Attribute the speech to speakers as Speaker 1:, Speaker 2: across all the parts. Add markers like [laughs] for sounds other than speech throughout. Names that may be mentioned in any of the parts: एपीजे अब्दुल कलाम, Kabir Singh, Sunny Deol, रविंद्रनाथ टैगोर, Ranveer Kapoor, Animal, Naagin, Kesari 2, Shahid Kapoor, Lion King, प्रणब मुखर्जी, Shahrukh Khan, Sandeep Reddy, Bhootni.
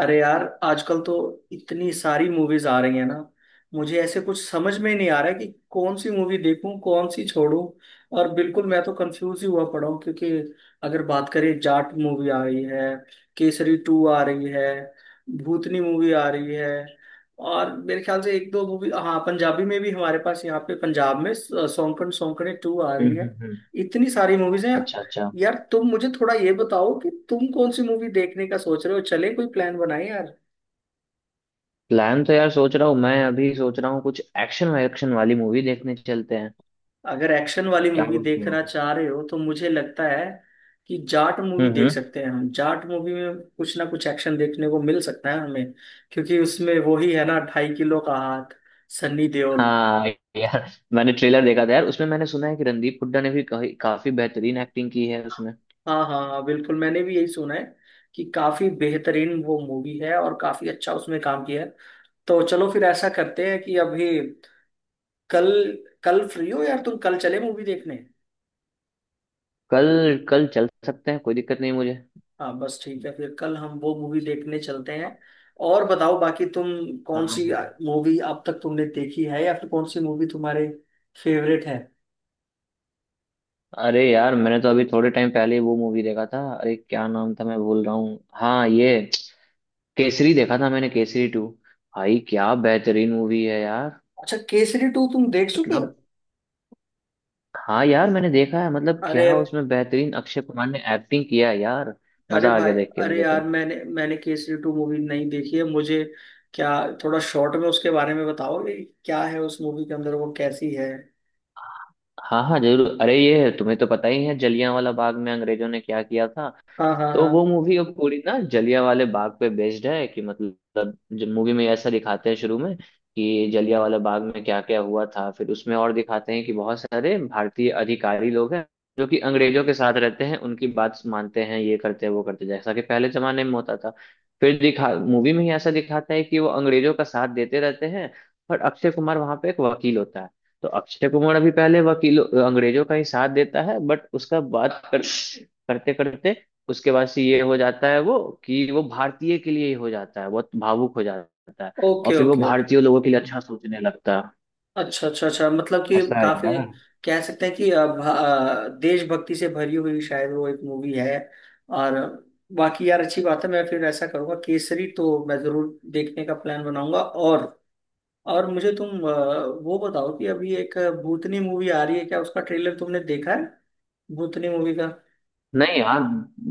Speaker 1: अरे यार, आजकल तो इतनी सारी मूवीज आ रही है ना। मुझे ऐसे कुछ समझ में नहीं आ रहा है कि कौन सी मूवी देखूं कौन सी छोड़ूं। और बिल्कुल मैं तो कंफ्यूज ही हुआ पड़ा हूं, क्योंकि अगर बात करें जाट मूवी आ रही है, केसरी टू आ रही है, भूतनी मूवी आ रही है, और मेरे ख्याल से एक दो मूवी हाँ पंजाबी में भी हमारे पास यहाँ पे पंजाब में सौंकन सौंकने टू आ
Speaker 2: हम्म
Speaker 1: रही है।
Speaker 2: हम्म, हम्म।
Speaker 1: इतनी सारी मूवीज हैं
Speaker 2: अच्छा अच्छा।
Speaker 1: यार। तुम मुझे थोड़ा ये बताओ कि तुम कौन सी मूवी देखने का सोच रहे हो, चले कोई प्लान बनाए यार।
Speaker 2: प्लान तो यार सोच रहा हूँ, मैं अभी सोच रहा हूँ कुछ एक्शन वैक्शन वाली मूवी देखने चलते हैं।
Speaker 1: अगर एक्शन वाली
Speaker 2: क्या
Speaker 1: मूवी
Speaker 2: बोलते हो?
Speaker 1: देखना चाह रहे हो तो मुझे लगता है कि जाट मूवी देख
Speaker 2: हम्म।
Speaker 1: सकते हैं हम। जाट मूवी में कुछ ना कुछ एक्शन देखने को मिल सकता है हमें, क्योंकि उसमें वो ही है ना, ढाई किलो का हाथ, सन्नी देओल।
Speaker 2: हाँ यार, मैंने ट्रेलर देखा था यार, उसमें मैंने सुना है कि रणदीप हुड्डा ने भी काफी बेहतरीन एक्टिंग की है उसमें।
Speaker 1: हाँ हाँ हाँ, बिल्कुल मैंने भी यही सुना है कि काफी बेहतरीन वो मूवी है और काफी अच्छा उसमें काम किया है। तो चलो फिर ऐसा करते हैं कि अभी कल, कल फ्री हो यार तुम? कल चले मूवी देखने?
Speaker 2: कल। कल चल सकते हैं, कोई दिक्कत नहीं मुझे।
Speaker 1: हाँ बस ठीक है, फिर कल हम वो मूवी देखने चलते हैं। और बताओ बाकी तुम
Speaker 2: हाँ
Speaker 1: कौन सी
Speaker 2: हाँ।
Speaker 1: मूवी अब तक तुमने देखी है, या फिर कौन सी मूवी तुम्हारे फेवरेट है?
Speaker 2: अरे यार, मैंने तो अभी थोड़े टाइम पहले वो मूवी देखा था, अरे क्या नाम था, मैं भूल रहा हूँ, हाँ ये केसरी देखा था मैंने, केसरी टू। भाई क्या बेहतरीन मूवी है यार।
Speaker 1: अच्छा, केसरी टू तुम देख चुके हो?
Speaker 2: मतलब। हाँ यार मैंने देखा है, मतलब
Speaker 1: अरे,
Speaker 2: क्या उसमें बेहतरीन अक्षय कुमार ने एक्टिंग किया है यार।
Speaker 1: अरे
Speaker 2: मजा आ गया
Speaker 1: भाई,
Speaker 2: देख के
Speaker 1: अरे
Speaker 2: मुझे
Speaker 1: यार
Speaker 2: तो।
Speaker 1: मैंने मैंने केसरी टू मूवी नहीं देखी है मुझे। क्या थोड़ा शॉर्ट में उसके बारे में बताओगे क्या है उस मूवी के अंदर, वो कैसी है?
Speaker 2: हाँ हाँ जरूर, अरे ये तुम्हें तो पता ही है जलियांवाला बाग में अंग्रेजों ने क्या किया था।
Speaker 1: हाँ हाँ
Speaker 2: तो
Speaker 1: हाँ,
Speaker 2: वो मूवी अब पूरी ना जलिया वाले बाग पे बेस्ड है, कि मतलब जो मूवी में ऐसा दिखाते हैं शुरू में कि जलिया वाला बाग में क्या क्या हुआ था, फिर उसमें और दिखाते हैं कि बहुत सारे भारतीय अधिकारी लोग हैं जो कि अंग्रेजों के साथ रहते हैं, उनकी बात मानते हैं, ये करते हैं वो करते हैं, जैसा कि पहले जमाने में होता था। फिर दिखा मूवी में ही ऐसा दिखाता है कि वो अंग्रेजों का साथ देते रहते हैं। पर अक्षय कुमार वहां पे एक वकील होता है। तो अक्षय कुमार अभी पहले वकील अंग्रेजों का ही साथ देता है, बट उसका करते करते उसके बाद से ये हो जाता है वो कि वो भारतीय के लिए ही हो जाता है, बहुत भावुक हो जाता है। और
Speaker 1: ओके
Speaker 2: फिर वो
Speaker 1: ओके ओके,
Speaker 2: भारतीय लोगों के लिए अच्छा सोचने लगता है।
Speaker 1: अच्छा अच्छा अच्छा, मतलब कि
Speaker 2: ऐसा है
Speaker 1: काफी
Speaker 2: यार।
Speaker 1: कह सकते हैं कि देशभक्ति से भरी हुई शायद वो एक मूवी है। और बाकी यार अच्छी बात है, मैं फिर ऐसा करूंगा, केसरी तो मैं जरूर देखने का प्लान बनाऊंगा। और मुझे तुम वो बताओ कि अभी एक भूतनी मूवी आ रही है, क्या उसका ट्रेलर तुमने देखा है? भूतनी मूवी का?
Speaker 2: नहीं यार,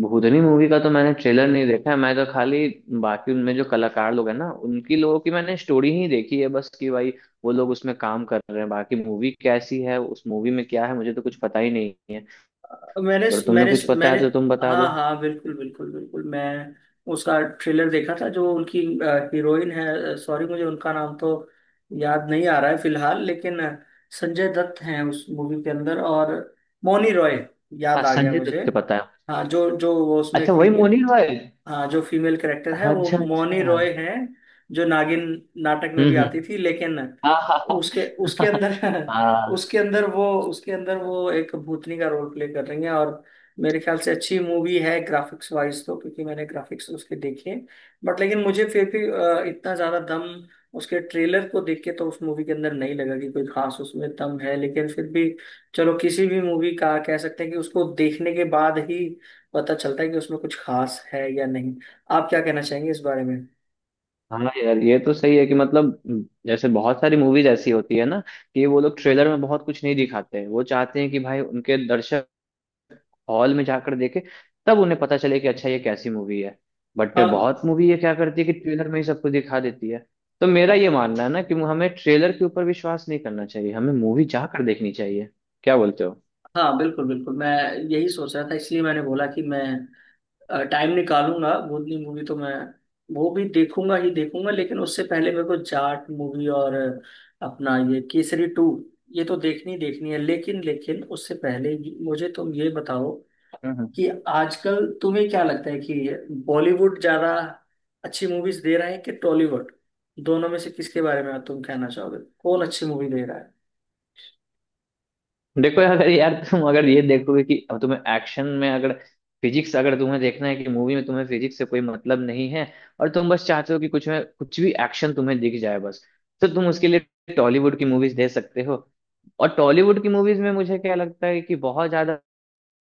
Speaker 2: भूतनी मूवी का तो मैंने ट्रेलर नहीं देखा है, मैं तो खाली बाकी उनमें जो कलाकार लोग हैं ना उनकी लोगों की मैंने स्टोरी ही देखी है बस, कि भाई वो लोग उसमें काम कर रहे हैं, बाकी मूवी कैसी है उस मूवी में क्या है मुझे तो कुछ पता ही नहीं है।
Speaker 1: मैंने
Speaker 2: अगर तुम्हें
Speaker 1: मैंने
Speaker 2: कुछ पता है
Speaker 1: मैंने
Speaker 2: तो तुम बता दो।
Speaker 1: हाँ हाँ, बिल्कुल बिल्कुल बिल्कुल, मैं उसका ट्रेलर देखा था। जो उनकी हीरोइन है, सॉरी मुझे उनका नाम तो याद नहीं आ रहा है फिलहाल, लेकिन संजय दत्त हैं उस मूवी के अंदर और मौनी रॉय,
Speaker 2: हाँ
Speaker 1: याद आ गया
Speaker 2: संजय
Speaker 1: मुझे।
Speaker 2: दत्त के पता है।
Speaker 1: हाँ, जो जो वो उसमें
Speaker 2: अच्छा वही
Speaker 1: फीमेल,
Speaker 2: मोनी रॉय।
Speaker 1: हाँ जो फीमेल कैरेक्टर है वो
Speaker 2: अच्छा
Speaker 1: मौनी
Speaker 2: अच्छा।
Speaker 1: रॉय है, जो नागिन नाटक में भी आती
Speaker 2: हम्म।
Speaker 1: थी। लेकिन
Speaker 2: [laughs] हाँ हाँ।
Speaker 1: उसके उसके अंदर [laughs]
Speaker 2: हाँ
Speaker 1: उसके अंदर वो, उसके अंदर वो एक भूतनी का रोल प्ले कर रही हैं। और मेरे ख्याल से अच्छी मूवी है ग्राफिक्स वाइज तो, क्योंकि मैंने ग्राफिक्स उसके देखे। बट लेकिन मुझे फिर भी इतना ज्यादा दम उसके ट्रेलर को देख के तो उस मूवी के अंदर नहीं लगा कि कोई खास उसमें दम है। लेकिन फिर भी चलो, किसी भी मूवी का कह सकते हैं कि उसको देखने के बाद ही पता चलता है कि उसमें कुछ खास है या नहीं। आप क्या कहना चाहेंगे इस बारे में?
Speaker 2: हाँ। हाँ यार, ये तो सही है कि मतलब जैसे बहुत सारी मूवीज ऐसी होती है ना कि वो लोग ट्रेलर में बहुत कुछ नहीं दिखाते हैं, वो चाहते हैं कि भाई उनके दर्शक हॉल में जाकर देखे, तब उन्हें पता चले कि अच्छा ये कैसी मूवी है। बट
Speaker 1: हाँ
Speaker 2: बहुत मूवी ये क्या करती है कि ट्रेलर में ही सब कुछ दिखा देती है। तो मेरा ये मानना है ना कि हमें ट्रेलर के ऊपर विश्वास नहीं करना चाहिए, हमें मूवी जाकर देखनी चाहिए। क्या बोलते हो?
Speaker 1: हाँ, बिल्कुल बिल्कुल, मैं यही सोच रहा था। इसलिए मैंने बोला कि मैं टाइम निकालूंगा, भूतनी मूवी तो मैं वो भी देखूंगा ही देखूंगा, लेकिन उससे पहले मेरे को जाट मूवी और अपना ये केसरी टू, ये तो देखनी देखनी है। लेकिन लेकिन उससे पहले ही मुझे तुम ये बताओ
Speaker 2: हम्म।
Speaker 1: कि आजकल तुम्हें क्या लगता है कि बॉलीवुड ज्यादा अच्छी मूवीज दे रहा है कि टॉलीवुड? दोनों में से किसके बारे में तुम कहना चाहोगे कौन अच्छी मूवी दे रहा है?
Speaker 2: देखो अगर यार तुम अगर ये देखोगे कि अब तुम्हें एक्शन में अगर फिजिक्स, अगर तुम्हें देखना है कि मूवी में तुम्हें फिजिक्स से कोई मतलब नहीं है और तुम बस चाहते हो कि कुछ में कुछ भी एक्शन तुम्हें दिख जाए बस, तो तुम उसके लिए टॉलीवुड की मूवीज दे सकते हो। और टॉलीवुड की मूवीज में मुझे क्या लगता है कि बहुत ज्यादा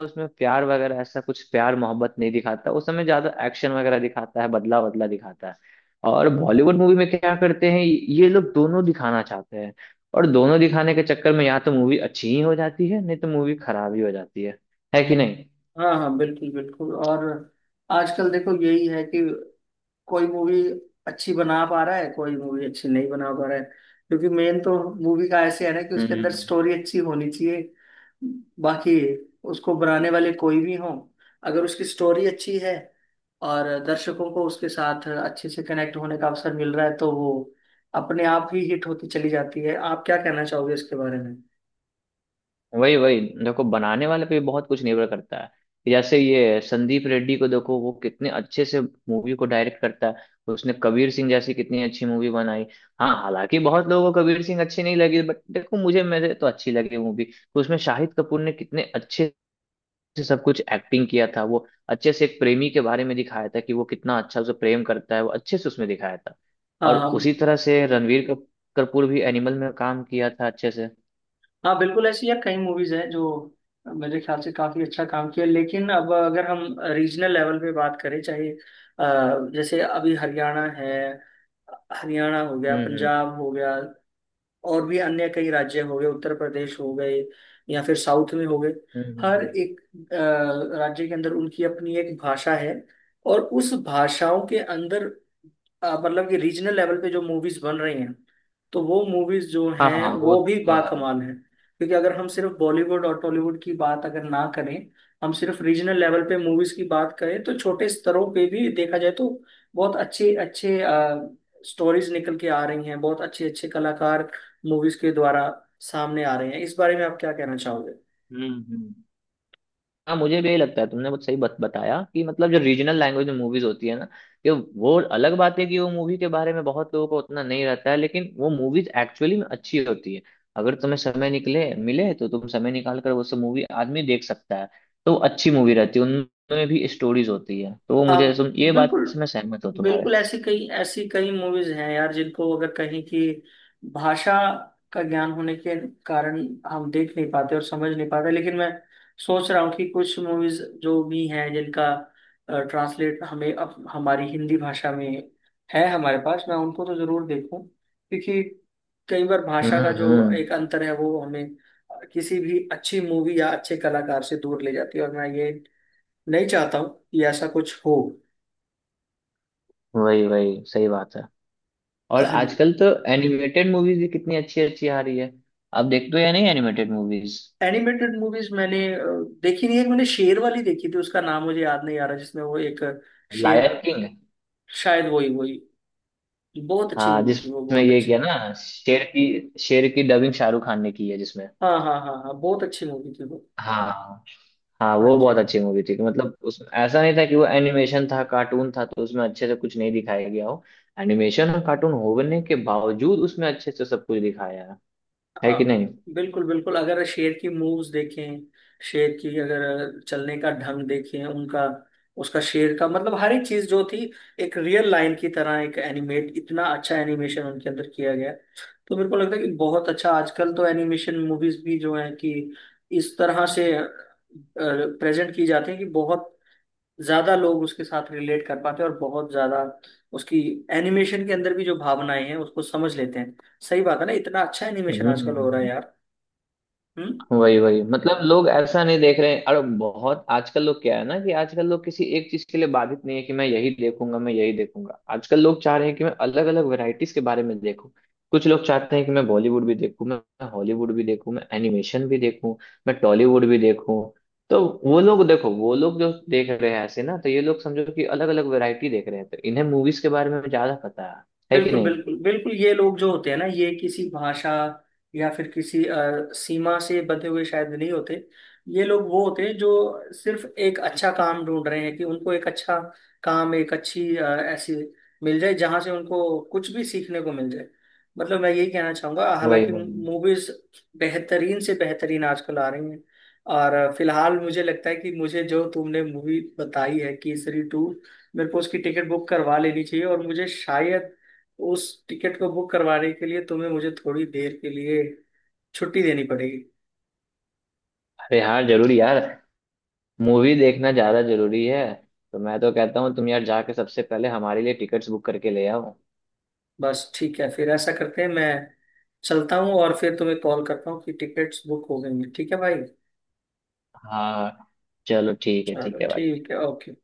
Speaker 2: उसमें प्यार वगैरह ऐसा कुछ प्यार मोहब्बत नहीं दिखाता उस समय, ज्यादा एक्शन वगैरह दिखाता है, बदला बदला दिखाता है। और बॉलीवुड मूवी में क्या करते हैं ये लोग दोनों दिखाना चाहते हैं, और दोनों दिखाने के चक्कर में या तो मूवी अच्छी ही हो जाती है, नहीं तो मूवी खराब ही हो जाती है। है कि नहीं?
Speaker 1: हाँ हाँ, बिल्कुल बिल्कुल। और आजकल देखो यही है कि कोई मूवी अच्छी बना पा रहा है, कोई मूवी अच्छी नहीं बना पा रहा है, क्योंकि मेन तो मूवी का ऐसे है ना कि उसके अंदर
Speaker 2: हम्म।
Speaker 1: स्टोरी अच्छी होनी चाहिए। बाकी उसको बनाने वाले कोई भी हों, अगर उसकी स्टोरी अच्छी है और दर्शकों को उसके साथ अच्छे से कनेक्ट होने का अवसर मिल रहा है, तो वो अपने आप ही हिट होती चली जाती है। आप क्या कहना चाहोगे इसके बारे में?
Speaker 2: वही वही, देखो बनाने वाले पे भी बहुत कुछ निर्भर करता है। जैसे ये संदीप रेड्डी को देखो वो कितने अच्छे से मूवी को डायरेक्ट करता है। उसने कबीर सिंह जैसी कितनी अच्छी मूवी बनाई। हाँ हालांकि बहुत लोगों को कबीर सिंह अच्छी नहीं लगी, बट देखो मुझे, मेरे तो अच्छी लगी मूवी। तो उसमें शाहिद कपूर ने कितने अच्छे से सब कुछ एक्टिंग किया था, वो अच्छे से एक प्रेमी के बारे में दिखाया था कि वो कितना अच्छा उसे प्रेम करता है, वो अच्छे से उसमें दिखाया था। और
Speaker 1: हाँ हाँ
Speaker 2: उसी तरह से रणवीर कपूर भी एनिमल में काम किया था अच्छे से।
Speaker 1: हाँ, बिल्कुल। ऐसी यार कई मूवीज हैं जो मेरे ख्याल से काफी अच्छा काम किया, लेकिन अब अगर हम रीजनल लेवल पे बात करें, चाहे जैसे अभी हरियाणा है, हरियाणा हो गया,
Speaker 2: हम्म।
Speaker 1: पंजाब हो गया, और भी अन्य कई राज्य हो गए, उत्तर प्रदेश हो गए, या फिर साउथ में हो गए।
Speaker 2: हम्म हम्म,
Speaker 1: हर
Speaker 2: हम्म।
Speaker 1: एक राज्य के अंदर उनकी अपनी एक भाषा है, और उस भाषाओं के अंदर मतलब कि रीजनल लेवल पे जो मूवीज बन रही हैं, तो वो मूवीज जो
Speaker 2: हाँ
Speaker 1: हैं
Speaker 2: हाँ वो
Speaker 1: वो भी
Speaker 2: तो है।
Speaker 1: बाकमाल हैं। क्योंकि अगर हम सिर्फ बॉलीवुड और टॉलीवुड की बात अगर ना करें, हम सिर्फ रीजनल लेवल पे मूवीज की बात करें तो छोटे स्तरों पे भी देखा जाए तो बहुत अच्छे अच्छे स्टोरीज निकल के आ रही हैं, बहुत अच्छे अच्छे कलाकार मूवीज के द्वारा सामने आ रहे हैं। इस बारे में आप क्या कहना चाहोगे?
Speaker 2: हम्म। हाँ मुझे भी यही लगता है, तुमने बहुत सही बताया कि मतलब जो रीजनल लैंग्वेज में मूवीज होती है ना, कि वो अलग बात है कि वो मूवी के बारे में बहुत लोगों को उतना नहीं रहता है, लेकिन वो मूवीज एक्चुअली में अच्छी होती है। अगर तुम्हें समय निकले मिले तो तुम समय निकाल कर वो सब मूवी आदमी देख सकता है। तो अच्छी मूवी रहती है, उनमें भी स्टोरीज होती है, तो वो
Speaker 1: हाँ
Speaker 2: मुझे तुम ये बात
Speaker 1: बिल्कुल
Speaker 2: से मैं सहमत हूँ तुम्हारे।
Speaker 1: बिल्कुल। ऐसी कई मूवीज हैं यार जिनको अगर कहीं की भाषा का ज्ञान होने के कारण हम देख नहीं पाते और समझ नहीं पाते, लेकिन मैं सोच रहा हूँ कि कुछ मूवीज जो भी हैं जिनका ट्रांसलेट हमें अब हमारी हिंदी भाषा में है हमारे पास, मैं उनको तो जरूर देखूं, क्योंकि कई बार भाषा का जो एक
Speaker 2: हम्म।
Speaker 1: अंतर है वो हमें किसी भी अच्छी मूवी या अच्छे कलाकार से दूर ले जाती है, और मैं ये नहीं चाहता हूँ कि ऐसा कुछ हो।
Speaker 2: वही वही, सही बात है। और आजकल तो एनिमेटेड मूवीज भी कितनी अच्छी अच्छी आ रही है। आप देखते हो या नहीं एनिमेटेड मूवीज?
Speaker 1: एनिमेटेड मूवीज मैंने देखी नहीं है। मैंने शेर वाली देखी थी, उसका नाम मुझे याद नहीं आ रहा, जिसमें वो एक शेर,
Speaker 2: लायन किंग।
Speaker 1: शायद वही वही। बहुत अच्छी
Speaker 2: हाँ
Speaker 1: मूवी थी वो,
Speaker 2: जिसमें
Speaker 1: बहुत
Speaker 2: ये
Speaker 1: अच्छी।
Speaker 2: किया ना शेर की, शेर की डबिंग शाहरुख खान ने की है जिसमें।
Speaker 1: हाँ हाँ हाँ हाँ, बहुत अच्छी मूवी थी वो।
Speaker 2: हाँ हाँ
Speaker 1: हाँ
Speaker 2: वो
Speaker 1: जी,
Speaker 2: बहुत अच्छी मूवी थी कि मतलब उसमें ऐसा नहीं था कि वो एनिमेशन था कार्टून था तो उसमें अच्छे से कुछ नहीं दिखाया गया हो। एनिमेशन और कार्टून होने के बावजूद उसमें अच्छे से सब कुछ दिखाया है। है
Speaker 1: हाँ
Speaker 2: कि नहीं?
Speaker 1: बिल्कुल बिल्कुल। अगर शेर की मूव्स देखें, शेर की अगर चलने का ढंग देखें उनका, उसका शेर का, मतलब हर एक चीज जो थी एक रियल लाइन की तरह, एक एनिमेट, इतना अच्छा एनिमेशन उनके अंदर किया गया। तो मेरे को लगता है कि बहुत अच्छा आजकल तो एनिमेशन मूवीज भी जो है कि इस तरह से प्रेजेंट की जाती है कि बहुत ज्यादा लोग उसके साथ रिलेट कर पाते हैं और बहुत ज्यादा उसकी एनिमेशन के अंदर भी जो भावनाएं हैं उसको समझ लेते हैं। सही बात है ना, इतना अच्छा एनिमेशन आजकल हो रहा है
Speaker 2: हम्म।
Speaker 1: यार। हम्म।
Speaker 2: वही वही, मतलब लोग ऐसा नहीं देख रहे हैं, अरे बहुत आजकल लोग क्या है ना कि आजकल लोग किसी एक चीज के लिए बाधित नहीं है कि मैं यही देखूंगा मैं यही देखूंगा, आजकल लोग चाह रहे हैं कि मैं अलग अलग वैरायटीज के बारे में देखूं। कुछ लोग चाहते हैं कि मैं बॉलीवुड भी देखूं, मैं हॉलीवुड भी देखूं, मैं एनिमेशन भी देखूं, मैं टॉलीवुड भी देखूं। तो वो लोग देखो वो लोग जो देख रहे हैं ऐसे ना तो ये लोग समझो कि अलग अलग वैरायटी देख रहे हैं, तो इन्हें मूवीज के बारे में ज्यादा पता है। है कि
Speaker 1: बिल्कुल
Speaker 2: नहीं?
Speaker 1: बिल्कुल बिल्कुल, ये लोग जो होते हैं ना ये किसी भाषा या फिर किसी सीमा से बंधे हुए शायद नहीं होते। ये लोग वो होते हैं जो सिर्फ एक अच्छा काम ढूंढ रहे हैं कि उनको एक अच्छा काम, एक अच्छी ऐसी मिल जाए जहां से उनको कुछ भी सीखने को मिल जाए। मतलब मैं यही कहना चाहूंगा,
Speaker 2: वही
Speaker 1: हालांकि
Speaker 2: वही।
Speaker 1: मूवीज बेहतरीन से बेहतरीन आजकल आ रही हैं। और फिलहाल मुझे लगता है कि मुझे जो तुमने मूवी बताई है केसरी टू, मेरे को उसकी टिकट बुक करवा लेनी चाहिए। और मुझे शायद उस टिकट को बुक करवाने के लिए तुम्हें मुझे थोड़ी देर के लिए छुट्टी देनी पड़ेगी।
Speaker 2: अरे हाँ जरूर यार, मूवी देखना ज्यादा जरूरी है। तो मैं तो कहता हूँ तुम यार जाके सबसे पहले हमारे लिए टिकट्स बुक करके ले आओ।
Speaker 1: बस ठीक है फिर, ऐसा करते हैं मैं चलता हूँ और फिर तुम्हें कॉल करता हूँ कि टिकट्स बुक हो गई हैं। ठीक है भाई?
Speaker 2: हाँ चलो ठीक है,
Speaker 1: चलो
Speaker 2: ठीक है भाई।
Speaker 1: ठीक है, ओके।